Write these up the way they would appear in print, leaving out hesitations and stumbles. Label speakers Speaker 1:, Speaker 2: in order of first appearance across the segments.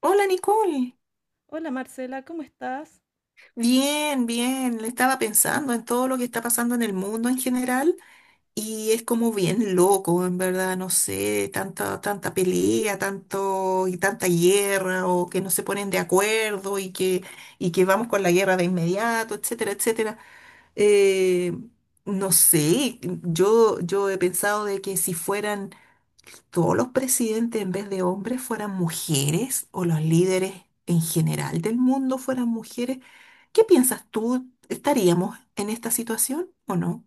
Speaker 1: Hola Nicole,
Speaker 2: Hola Marcela, ¿cómo estás?
Speaker 1: bien, bien, le estaba pensando en todo lo que está pasando en el mundo en general y es como bien loco, en verdad, no sé, tanta pelea, tanto y tanta guerra o que no se ponen de acuerdo y que vamos con la guerra de inmediato, etcétera, etcétera. Eh, no sé, yo he pensado de que si fueran todos los presidentes en vez de hombres fueran mujeres o los líderes en general del mundo fueran mujeres, ¿qué piensas tú? ¿Estaríamos en esta situación o no?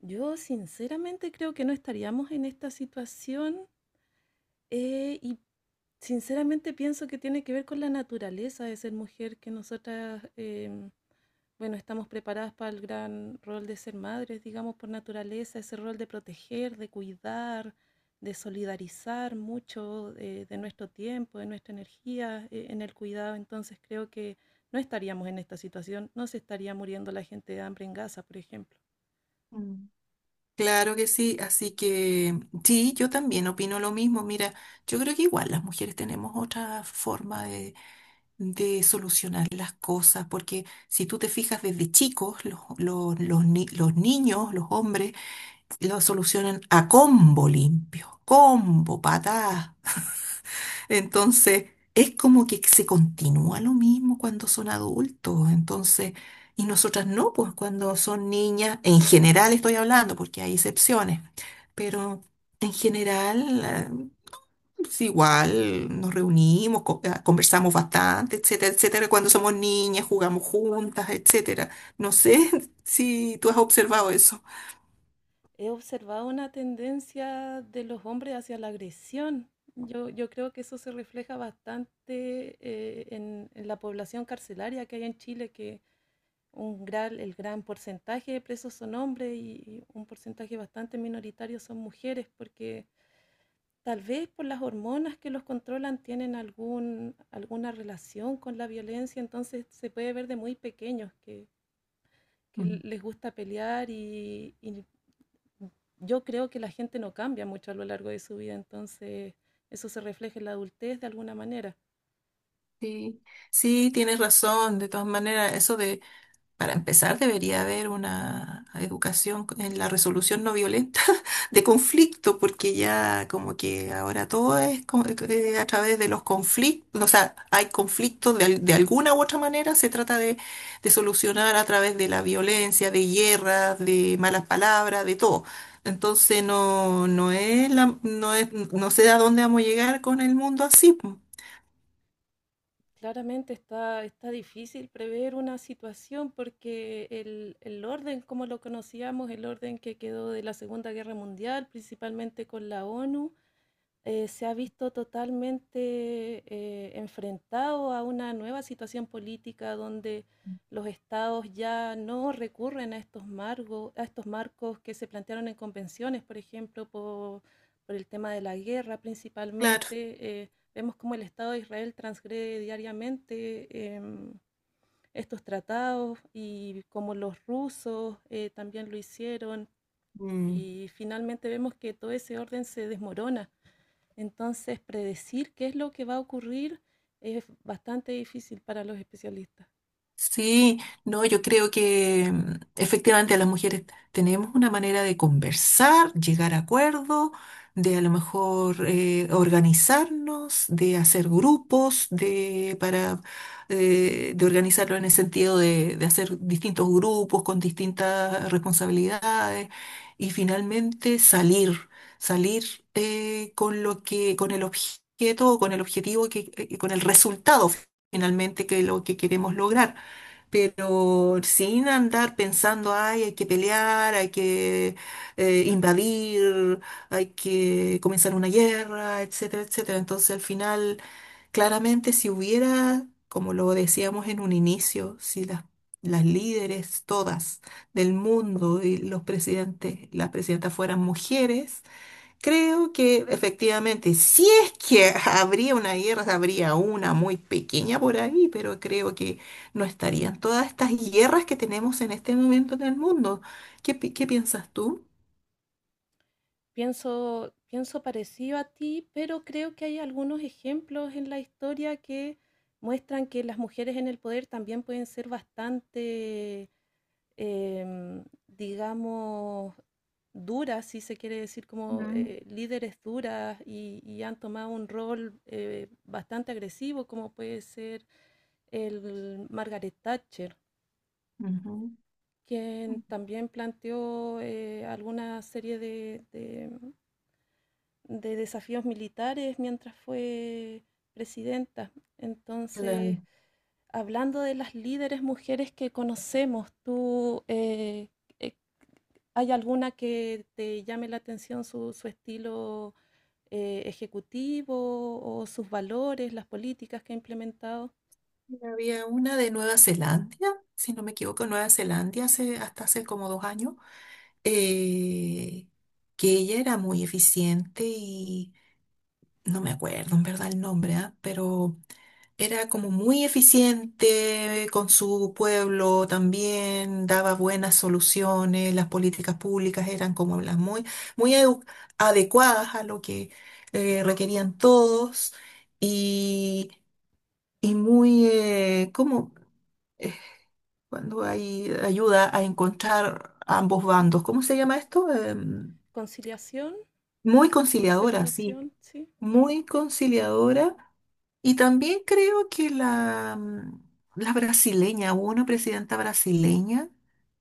Speaker 2: Yo sinceramente creo que no estaríamos en esta situación y sinceramente pienso que tiene que ver con la naturaleza de ser mujer, que nosotras, bueno, estamos preparadas para el gran rol de ser madres, digamos, por naturaleza, ese rol de proteger, de cuidar, de solidarizar mucho de nuestro tiempo, de nuestra energía en el cuidado. Entonces creo que no estaríamos en esta situación, no se estaría muriendo la gente de hambre en Gaza, por ejemplo.
Speaker 1: Mm. Claro que sí, así que sí, yo también opino lo mismo. Mira, yo creo que igual las mujeres tenemos otra forma de solucionar las cosas, porque si tú te fijas desde chicos, los ni- los niños, los hombres, lo solucionan a combo limpio, combo, patada. Entonces, es como que se continúa lo mismo cuando son adultos. Entonces, y nosotras no, pues cuando son niñas, en general estoy hablando, porque hay excepciones, pero en general, es igual nos reunimos, conversamos bastante, etcétera, etcétera. Cuando somos niñas, jugamos juntas, etcétera. No sé si tú has observado eso.
Speaker 2: He observado una tendencia de los hombres hacia la agresión. Yo creo que eso se refleja bastante en la población carcelaria que hay en Chile, que un gran, el gran porcentaje de presos son hombres y un porcentaje bastante minoritario son mujeres, porque tal vez por las hormonas que los controlan tienen alguna relación con la violencia, entonces se puede ver de muy pequeños que les gusta pelear y yo creo que la gente no cambia mucho a lo largo de su vida, entonces eso se refleja en la adultez de alguna manera.
Speaker 1: Sí, sí, tienes razón. De todas maneras, eso de, para empezar, debería haber una educación en la resolución no violenta de conflicto, porque ya como que ahora todo es a través de los conflictos, o sea, hay conflictos de, de alguna u otra manera, se trata de solucionar a través de la violencia, de guerras, de malas palabras, de todo. Entonces no, no sé a dónde vamos a llegar con el mundo así. Po.
Speaker 2: Claramente está difícil prever una situación porque el orden, como lo conocíamos, el orden que quedó de la Segunda Guerra Mundial, principalmente con la ONU, se ha visto totalmente enfrentado a una nueva situación política donde los estados ya no recurren a estos margos, a estos marcos que se plantearon en convenciones, por ejemplo, por el tema de la guerra
Speaker 1: Claro.
Speaker 2: principalmente. Vemos cómo el Estado de Israel transgrede diariamente estos tratados y como los rusos también lo hicieron.
Speaker 1: Mm.
Speaker 2: Y finalmente vemos que todo ese orden se desmorona. Entonces, predecir qué es lo que va a ocurrir es bastante difícil para los especialistas.
Speaker 1: Sí, no, yo creo que efectivamente las mujeres tenemos una manera de conversar, llegar a acuerdos, de a lo mejor organizarnos, de hacer grupos, de para de organizarlo en el sentido de hacer distintos grupos con distintas responsabilidades y finalmente salir con lo que, con el objeto, con el objetivo que, con el resultado finalmente que lo que queremos lograr pero sin andar pensando, ay, hay que pelear, hay que invadir, hay que comenzar una guerra, etcétera, etcétera. Entonces, al final, claramente, si hubiera, como lo decíamos en un inicio, si las, las líderes todas del mundo y los presidentes, las presidentas fueran mujeres, creo que efectivamente, si es que habría una guerra, habría una muy pequeña por ahí, pero creo que no estarían todas estas guerras que tenemos en este momento en el mundo. ¿ qué piensas tú?
Speaker 2: Pienso parecido a ti, pero creo que hay algunos ejemplos en la historia que muestran que las mujeres en el poder también pueden ser bastante, digamos, duras, si se quiere decir, como
Speaker 1: Mm.
Speaker 2: líderes duras han tomado un rol bastante agresivo, como puede ser el Margaret Thatcher,
Speaker 1: Ujú.
Speaker 2: quien
Speaker 1: Mm.
Speaker 2: también planteó alguna serie de desafíos militares mientras fue presidenta. Entonces,
Speaker 1: Claro.
Speaker 2: hablando de las líderes mujeres que conocemos, ¿tú eh, hay alguna que te llame la atención su estilo ejecutivo o sus valores, las políticas que ha implementado?
Speaker 1: Había una de Nueva Zelanda, si no me equivoco, Nueva Zelanda hace, hasta hace como dos años, eh, que ella era muy eficiente y no me acuerdo en verdad el nombre, ¿ah? Pero era como muy eficiente con su pueblo también, daba buenas soluciones, las políticas públicas eran como las muy, muy adecuadas a lo que requerían todos y, y muy, como eh, cuando hay ayuda a encontrar ambos bandos, ¿cómo se llama esto?
Speaker 2: Conciliación.
Speaker 1: Muy conciliadora, sí.
Speaker 2: Concertación, sí.
Speaker 1: Muy conciliadora. Y también creo que la, la brasileña, hubo una presidenta brasileña,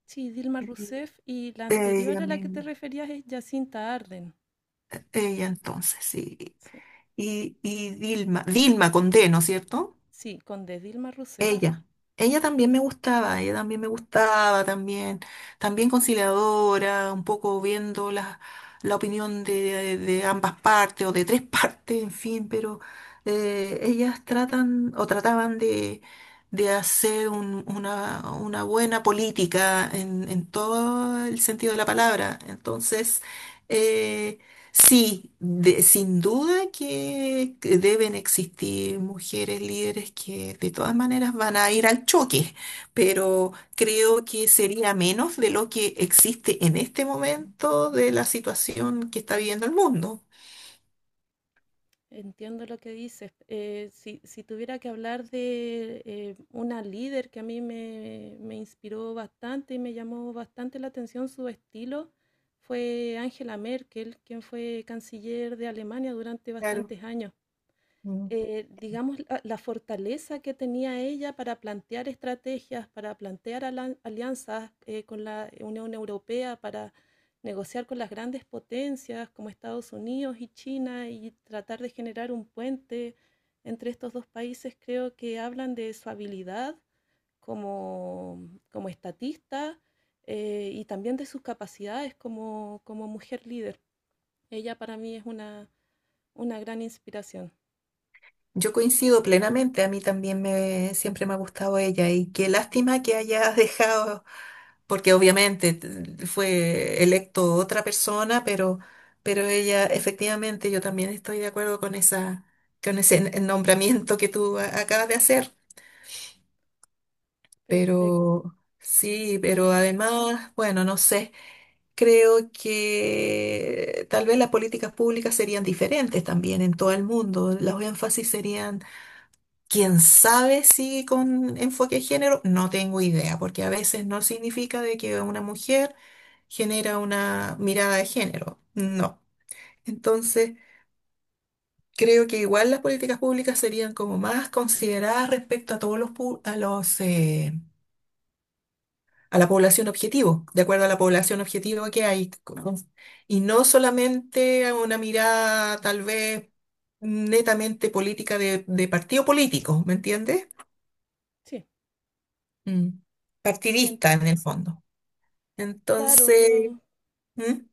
Speaker 2: Sí, Dilma
Speaker 1: sí.
Speaker 2: Rousseff y la
Speaker 1: Ella
Speaker 2: anterior a la que te
Speaker 1: misma,
Speaker 2: referías es Jacinta Arden.
Speaker 1: ella entonces, sí.
Speaker 2: Sí,
Speaker 1: Y Dilma, Dilma con D, ¿no es cierto?
Speaker 2: sí, con de Dilma Rousseff.
Speaker 1: Ella, ella también me gustaba, ella también me gustaba, también, también conciliadora, un poco viendo la, la opinión de ambas partes o de tres partes, en fin, pero ellas tratan o trataban de hacer una buena política en todo el sentido de la palabra. Entonces, eh, sí, sin duda que deben existir mujeres líderes que de todas maneras van a ir al choque, pero creo que sería menos de lo que existe en este momento de la situación que está viviendo el mundo.
Speaker 2: Entiendo lo que dices. Si tuviera que hablar de una líder que a me inspiró bastante y me llamó bastante la atención su estilo, fue Angela Merkel, quien fue canciller de Alemania durante
Speaker 1: Claro.
Speaker 2: bastantes años.
Speaker 1: Mm.
Speaker 2: Digamos, la fortaleza que tenía ella para plantear estrategias, para plantear alianzas con la Unión Europea, para negociar con las grandes potencias como Estados Unidos y China y tratar de generar un puente entre estos dos países, creo que hablan de su habilidad como estatista y también de sus capacidades como mujer líder. Ella para mí es una gran inspiración.
Speaker 1: Yo coincido plenamente, a mí también me, siempre me ha gustado ella y qué lástima que hayas dejado porque obviamente fue electo otra persona, pero ella, efectivamente, yo también estoy de acuerdo con esa, con ese nombramiento que tú acabas de hacer.
Speaker 2: Perfecto.
Speaker 1: Pero sí, pero además, bueno, no sé, creo que tal vez las políticas públicas serían diferentes también en todo el mundo. Los énfasis serían, quién sabe si con enfoque de género, no tengo idea, porque a veces no significa de que una mujer genera una mirada de género. No. Entonces, creo que igual las políticas públicas serían como más consideradas respecto a todos los a los a la población objetivo, de acuerdo a la población objetivo que hay, ¿no? Y no solamente a una mirada tal vez netamente política de partido político, ¿me entiendes?
Speaker 2: Sí.
Speaker 1: Mm.
Speaker 2: Sí,
Speaker 1: Partidista en el
Speaker 2: entiendo.
Speaker 1: fondo.
Speaker 2: Claro,
Speaker 1: Entonces,
Speaker 2: yo
Speaker 1: ¿mm?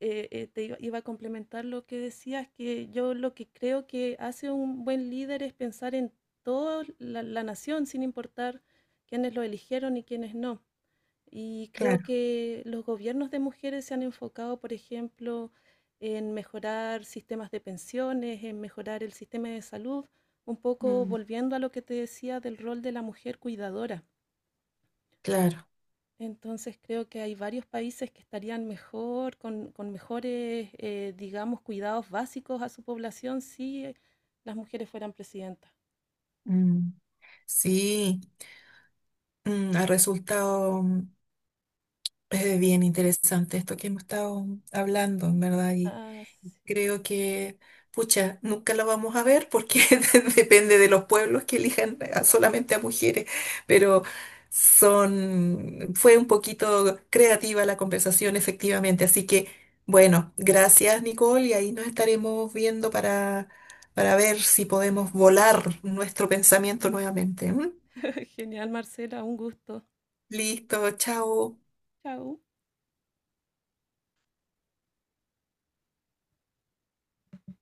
Speaker 2: iba a complementar lo que decías, que yo lo que creo que hace un buen líder es pensar en toda la nación, sin importar quiénes lo eligieron y quiénes no. Y creo
Speaker 1: Claro.
Speaker 2: que los gobiernos de mujeres se han enfocado, por ejemplo, en mejorar sistemas de pensiones, en mejorar el sistema de salud, un poco
Speaker 1: Mm,
Speaker 2: volviendo a lo que te decía del rol de la mujer cuidadora.
Speaker 1: claro.
Speaker 2: Entonces creo que hay varios países que estarían mejor, con mejores, digamos, cuidados básicos a su población si las mujeres fueran presidentas.
Speaker 1: Mm. Sí, mm, ha resultado bien interesante esto que hemos estado hablando, en verdad, y
Speaker 2: Ah, sí.
Speaker 1: creo que, pucha, nunca lo vamos a ver porque depende de los pueblos que elijan solamente a mujeres, pero son, fue un poquito creativa la conversación, efectivamente, así que, bueno, gracias, Nicole, y ahí nos estaremos viendo para ver si podemos volar nuestro pensamiento nuevamente. ¿M?
Speaker 2: Genial, Marcela, un gusto.
Speaker 1: Listo, chao.
Speaker 2: Chao.